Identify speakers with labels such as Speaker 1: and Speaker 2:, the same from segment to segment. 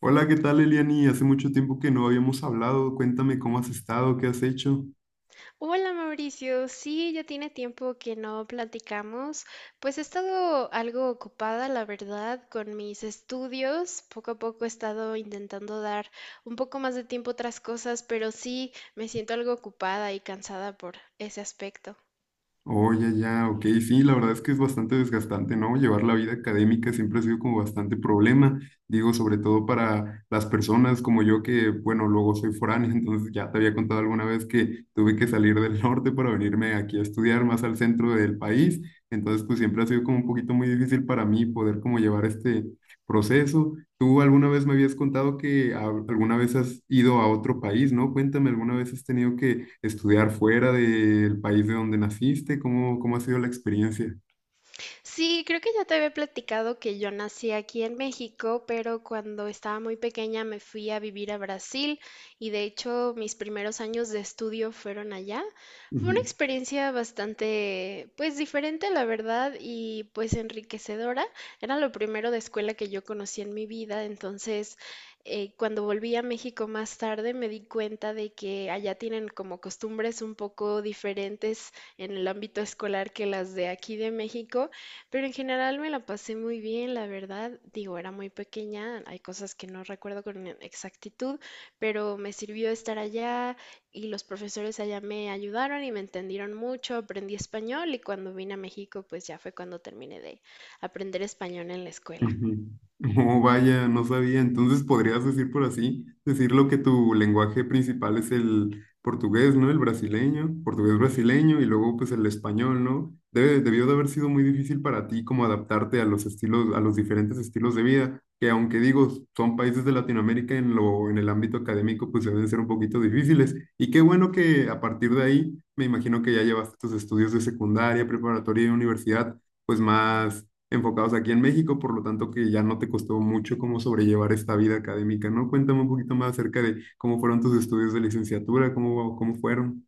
Speaker 1: Hola, ¿qué tal, Eliani? Hace mucho tiempo que no habíamos hablado. Cuéntame cómo has estado, qué has hecho.
Speaker 2: Hola Mauricio, sí, ya tiene tiempo que no platicamos. Pues he estado algo ocupada, la verdad, con mis estudios. Poco a poco he estado intentando dar un poco más de tiempo a otras cosas, pero sí me siento algo ocupada y cansada por ese aspecto.
Speaker 1: Oye, ya, ok, sí, la verdad es que es bastante desgastante, ¿no? Llevar la vida académica siempre ha sido como bastante problema, digo, sobre todo para las personas como yo que, bueno, luego soy foráneo, entonces ya te había contado alguna vez que tuve que salir del norte para venirme aquí a estudiar más al centro del país, entonces pues siempre ha sido como un poquito muy difícil para mí poder como llevar este proceso. Tú alguna vez me habías contado que alguna vez has ido a otro país, ¿no? Cuéntame, ¿alguna vez has tenido que estudiar fuera del país de donde naciste? ¿Cómo ha sido la experiencia?
Speaker 2: Sí, creo que ya te había platicado que yo nací aquí en México, pero cuando estaba muy pequeña me fui a vivir a Brasil y de hecho mis primeros años de estudio fueron allá. Fue una experiencia bastante, pues diferente, la verdad, y pues enriquecedora. Era lo primero de escuela que yo conocí en mi vida, entonces cuando volví a México más tarde me di cuenta de que allá tienen como costumbres un poco diferentes en el ámbito escolar que las de aquí de México. Pero en general me la pasé muy bien, la verdad. Digo, era muy pequeña, hay cosas que no recuerdo con exactitud, pero me sirvió estar allá y los profesores allá me ayudaron y me entendieron mucho, aprendí español y cuando vine a México, pues ya fue cuando terminé de aprender español en la escuela.
Speaker 1: Ujú. Oh, vaya, no sabía. Entonces podrías decir por así, decirlo que tu lenguaje principal es el portugués, ¿no? El brasileño, portugués brasileño y luego pues el español, ¿no? Debe, debió de haber sido muy difícil para ti como adaptarte a los estilos, a los diferentes estilos de vida, que aunque digo, son países de Latinoamérica en lo, en el ámbito académico, pues deben ser un poquito difíciles. Y qué bueno que a partir de ahí, me imagino que ya llevaste tus estudios de secundaria, preparatoria y universidad, pues más enfocados aquí en México, por lo tanto que ya no te costó mucho cómo sobrellevar esta vida académica, ¿no? Cuéntame un poquito más acerca de cómo fueron tus estudios de licenciatura, cómo fueron.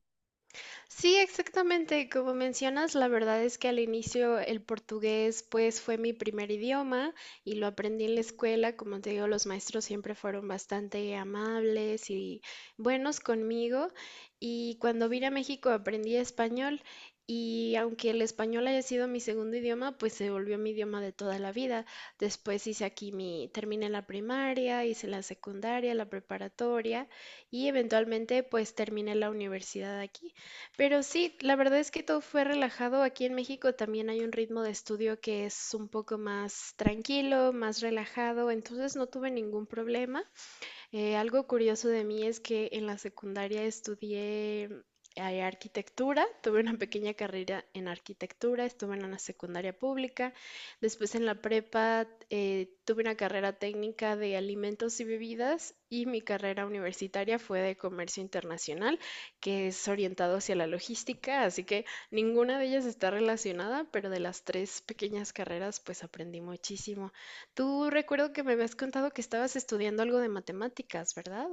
Speaker 2: Sí, exactamente. Como mencionas, la verdad es que al inicio el portugués pues fue mi primer idioma y lo aprendí en la escuela. Como te digo, los maestros siempre fueron bastante amables y buenos conmigo. Y cuando vine a México aprendí español y aunque el español haya sido mi segundo idioma, pues se volvió mi idioma de toda la vida. Después hice aquí mi, terminé la primaria, hice la secundaria, la preparatoria y eventualmente pues terminé la universidad aquí. Pero sí, la verdad es que todo fue relajado. Aquí en México también hay un ritmo de estudio que es un poco más tranquilo, más relajado, entonces no tuve ningún problema. Algo curioso de mí es que en la secundaria estudié arquitectura, tuve una pequeña carrera en arquitectura, estuve en una secundaria pública, después en la prepa tuve una carrera técnica de alimentos y bebidas y mi carrera universitaria fue de comercio internacional, que es orientado hacia la logística, así que ninguna de ellas está relacionada, pero de las tres pequeñas carreras pues aprendí muchísimo. Tú recuerdo que me habías contado que estabas estudiando algo de matemáticas, ¿verdad?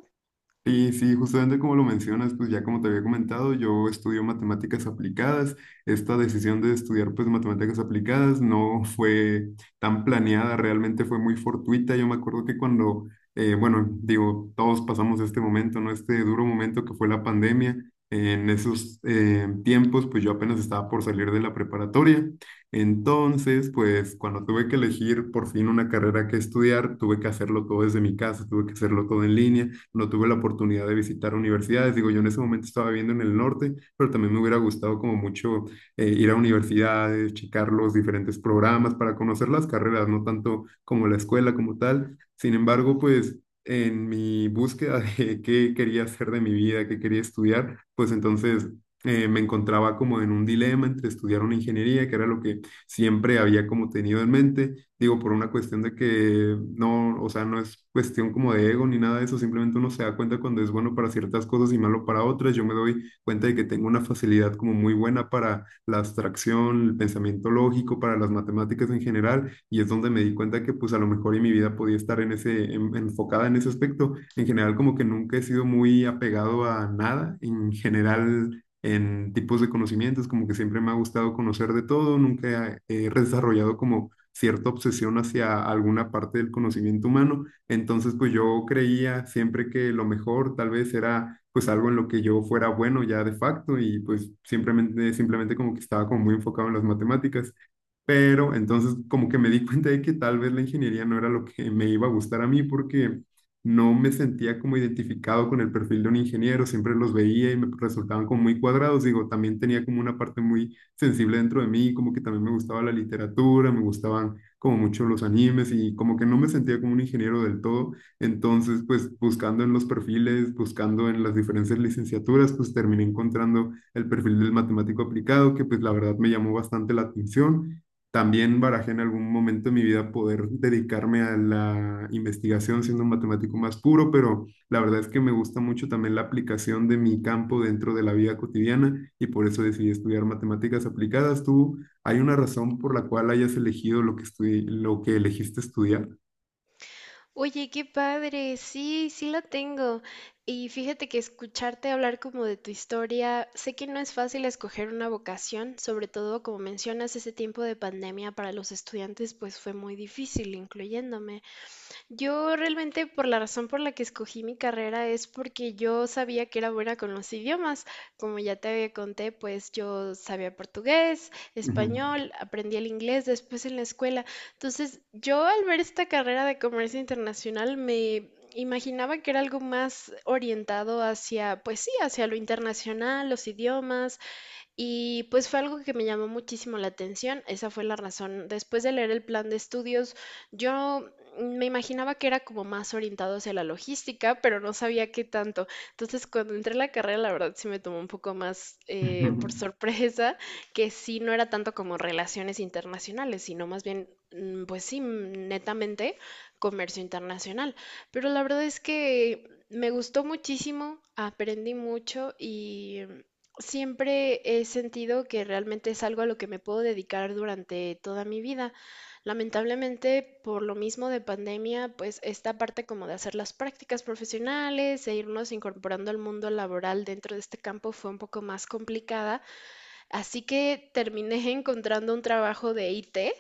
Speaker 1: Sí, sí, justamente como lo mencionas, pues ya como te había comentado, yo estudio matemáticas aplicadas. Esta decisión de estudiar pues matemáticas aplicadas no fue tan planeada, realmente fue muy fortuita. Yo me acuerdo que cuando, bueno, digo, todos pasamos este momento, ¿no? Este duro momento que fue la pandemia. En esos tiempos, pues yo apenas estaba por salir de la preparatoria. Entonces, pues cuando tuve que elegir por fin una carrera que estudiar, tuve que hacerlo todo desde mi casa, tuve que hacerlo todo en línea no tuve la oportunidad de visitar universidades. Digo, yo en ese momento estaba viviendo en el norte, pero también me hubiera gustado como mucho ir a universidades, checar los diferentes programas para conocer las carreras, no tanto como la escuela como tal. Sin embargo, pues en mi búsqueda de qué quería hacer de mi vida, qué quería estudiar, pues entonces me encontraba como en un dilema entre estudiar una ingeniería, que era lo que siempre había como tenido en mente. Digo, por una cuestión de que no, o sea, no es cuestión como de ego ni nada de eso, simplemente uno se da cuenta cuando es bueno para ciertas cosas y malo para otras. Yo me doy cuenta de que tengo una facilidad como muy buena para la abstracción, el pensamiento lógico, para las matemáticas en general, y es donde me di cuenta que pues a lo mejor en mi vida podía estar en ese, enfocada en ese aspecto. En general como que nunca he sido muy apegado a nada, en general en tipos de conocimientos, como que siempre me ha gustado conocer de todo, nunca he desarrollado como cierta obsesión hacia alguna parte del conocimiento humano. Entonces, pues yo creía siempre que lo mejor tal vez era pues algo en lo que yo fuera bueno ya de facto y pues simplemente como que estaba como muy enfocado en las matemáticas. Pero entonces como que me di cuenta de que tal vez la ingeniería no era lo que me iba a gustar a mí porque no me sentía como identificado con el perfil de un ingeniero, siempre los veía y me resultaban como muy cuadrados, digo, también tenía como una parte muy sensible dentro de mí, como que también me gustaba la literatura, me gustaban como mucho los animes y como que no me sentía como un ingeniero del todo, entonces pues buscando en los perfiles, buscando en las diferentes licenciaturas, pues terminé encontrando el perfil del matemático aplicado, que pues la verdad me llamó bastante la atención. También barajé en algún momento de mi vida poder dedicarme a la investigación siendo un matemático más puro, pero la verdad es que me gusta mucho también la aplicación de mi campo dentro de la vida cotidiana y por eso decidí estudiar matemáticas aplicadas. ¿Tú hay una razón por la cual hayas elegido lo que lo que elegiste estudiar?
Speaker 2: Oye, qué padre, sí, sí la tengo. Y fíjate que escucharte hablar como de tu historia, sé que no es fácil escoger una vocación, sobre todo como mencionas, ese tiempo de pandemia para los estudiantes pues fue muy difícil, incluyéndome. Yo realmente por la razón por la que escogí mi carrera es porque yo sabía que era buena con los idiomas. Como ya te había conté, pues yo sabía portugués,
Speaker 1: Ujú.
Speaker 2: español, aprendí el inglés después en la escuela. Entonces, yo al ver esta carrera de comercio internacional me imaginaba que era algo más orientado hacia, pues sí, hacia lo internacional, los idiomas, y pues fue algo que me llamó muchísimo la atención, esa fue la razón. Después de leer el plan de estudios, yo me imaginaba que era como más orientado hacia la logística, pero no sabía qué tanto. Entonces, cuando entré a la carrera, la verdad sí me tomó un poco más
Speaker 1: Ujú.
Speaker 2: por sorpresa, que sí no era tanto como relaciones internacionales, sino más bien, pues sí, netamente comercio internacional. Pero la verdad es que me gustó muchísimo, aprendí mucho y siempre he sentido que realmente es algo a lo que me puedo dedicar durante toda mi vida. Lamentablemente, por lo mismo de pandemia, pues esta parte como de hacer las prácticas profesionales e irnos incorporando al mundo laboral dentro de este campo fue un poco más complicada, así que terminé encontrando un trabajo de IT,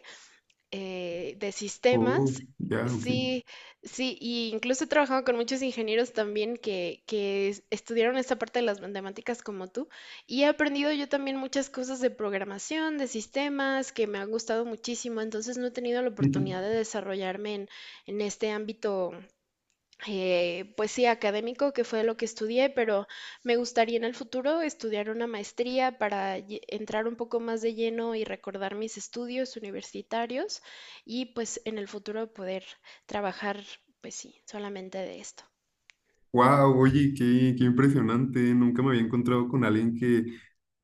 Speaker 2: de
Speaker 1: Oh,
Speaker 2: sistemas.
Speaker 1: ya, ok.
Speaker 2: Sí, sí, y incluso he trabajado con muchos ingenieros también que estudiaron esta parte de las matemáticas como tú, y he aprendido yo también muchas cosas de programación, de sistemas, que me han gustado muchísimo, entonces no he tenido la oportunidad de desarrollarme en este ámbito, pues sí, académico, que fue lo que estudié, pero me gustaría en el futuro estudiar una maestría para entrar un poco más de lleno y recordar mis estudios universitarios y pues en el futuro poder trabajar, pues sí, solamente de esto.
Speaker 1: Wow, oye, qué impresionante. Nunca me había encontrado con alguien que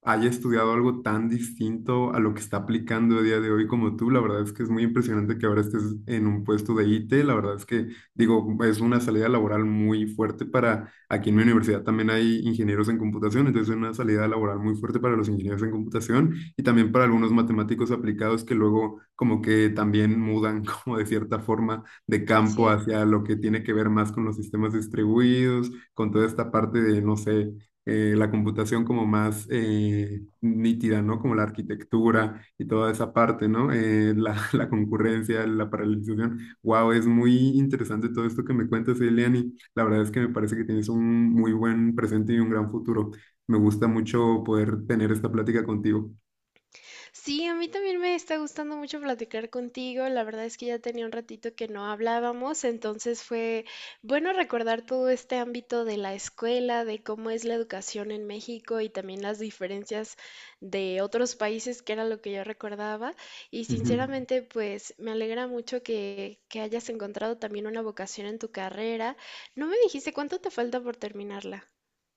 Speaker 1: haya estudiado algo tan distinto a lo que está aplicando a día de hoy como tú. La verdad es que es muy impresionante que ahora estés en un puesto de IT. La verdad es que, digo, es una salida laboral muy fuerte para, aquí en mi universidad también hay ingenieros en computación, entonces es una salida laboral muy fuerte para los ingenieros en computación y también para algunos matemáticos aplicados que luego como que también mudan como de cierta forma de campo
Speaker 2: Sí.
Speaker 1: hacia lo que tiene que ver más con los sistemas distribuidos, con toda esta parte de, no sé, la computación como más nítida, ¿no? Como la arquitectura y toda esa parte, ¿no? La concurrencia, la paralelización. Wow, es muy interesante todo esto que me cuentas, Eliani. La verdad es que me parece que tienes un muy buen presente y un gran futuro. Me gusta mucho poder tener esta plática contigo.
Speaker 2: Sí, a mí también me está gustando mucho platicar contigo. La verdad es que ya tenía un ratito que no hablábamos, entonces fue bueno recordar todo este ámbito de la escuela, de cómo es la educación en México y también las diferencias de otros países, que era lo que yo recordaba. Y
Speaker 1: Ujú.
Speaker 2: sinceramente, pues me alegra mucho que hayas encontrado también una vocación en tu carrera. No me dijiste cuánto te falta por terminarla.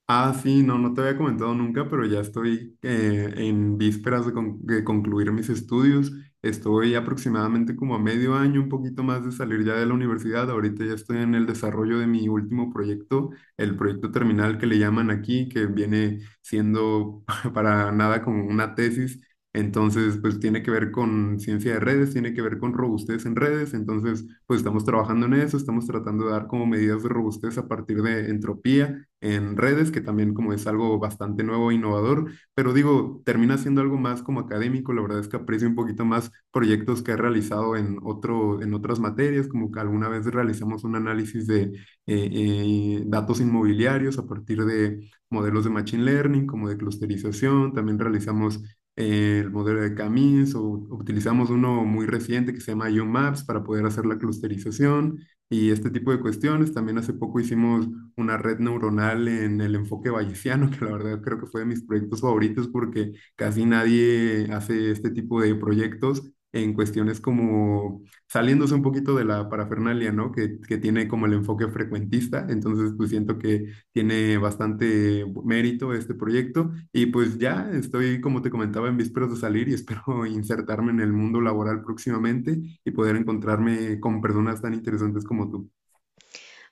Speaker 1: Ah, sí, no, no te había comentado nunca, pero ya estoy en vísperas de, de concluir mis estudios. Estoy aproximadamente como a medio año, un poquito más de salir ya de la universidad. Ahorita ya estoy en el desarrollo de mi último proyecto, el proyecto terminal que le llaman aquí, que viene siendo para nada como una tesis, entonces, pues tiene que ver con ciencia de redes, tiene que ver con robustez en redes. Entonces, pues estamos trabajando en eso, estamos tratando de dar como medidas de robustez a partir de entropía en redes, que también como es algo bastante nuevo e innovador. Pero digo, termina siendo algo más como académico. La verdad es que aprecio un poquito más proyectos que he realizado en otro, en otras materias, como que alguna vez realizamos un análisis de datos inmobiliarios a partir de modelos de machine learning, como de clusterización. También realizamos el modelo de camis o utilizamos uno muy reciente que se llama UMaps para poder hacer la clusterización y este tipo de cuestiones. También hace poco hicimos una red neuronal en el enfoque bayesiano, que la verdad creo que fue de mis proyectos favoritos porque casi nadie hace este tipo de proyectos en cuestiones como saliéndose un poquito de la parafernalia, ¿no? Que tiene como el enfoque frecuentista. Entonces, pues siento que tiene bastante mérito este proyecto y pues ya estoy, como te comentaba, en vísperas de salir y espero insertarme en el mundo laboral próximamente y poder encontrarme con personas tan interesantes como tú.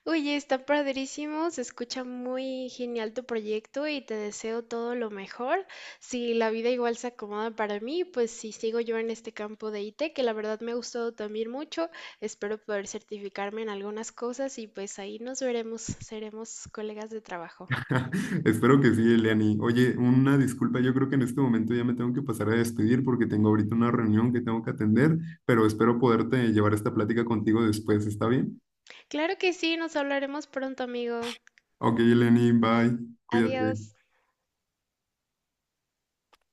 Speaker 2: Oye, está padrísimo, se escucha muy genial tu proyecto y te deseo todo lo mejor. Si la vida igual se acomoda para mí, pues si sigo yo en este campo de IT, que la verdad me ha gustado también mucho, espero poder certificarme en algunas cosas y pues ahí nos veremos, seremos colegas de trabajo.
Speaker 1: Espero que sí, Eliani. Oye, una disculpa, yo creo que en este momento ya me tengo que pasar a despedir porque tengo ahorita una reunión que tengo que atender, pero espero poderte llevar esta plática contigo después, ¿está bien?
Speaker 2: Claro que sí, nos hablaremos pronto, amigo.
Speaker 1: Ok, Eliani, bye,
Speaker 2: Adiós.
Speaker 1: cuídate.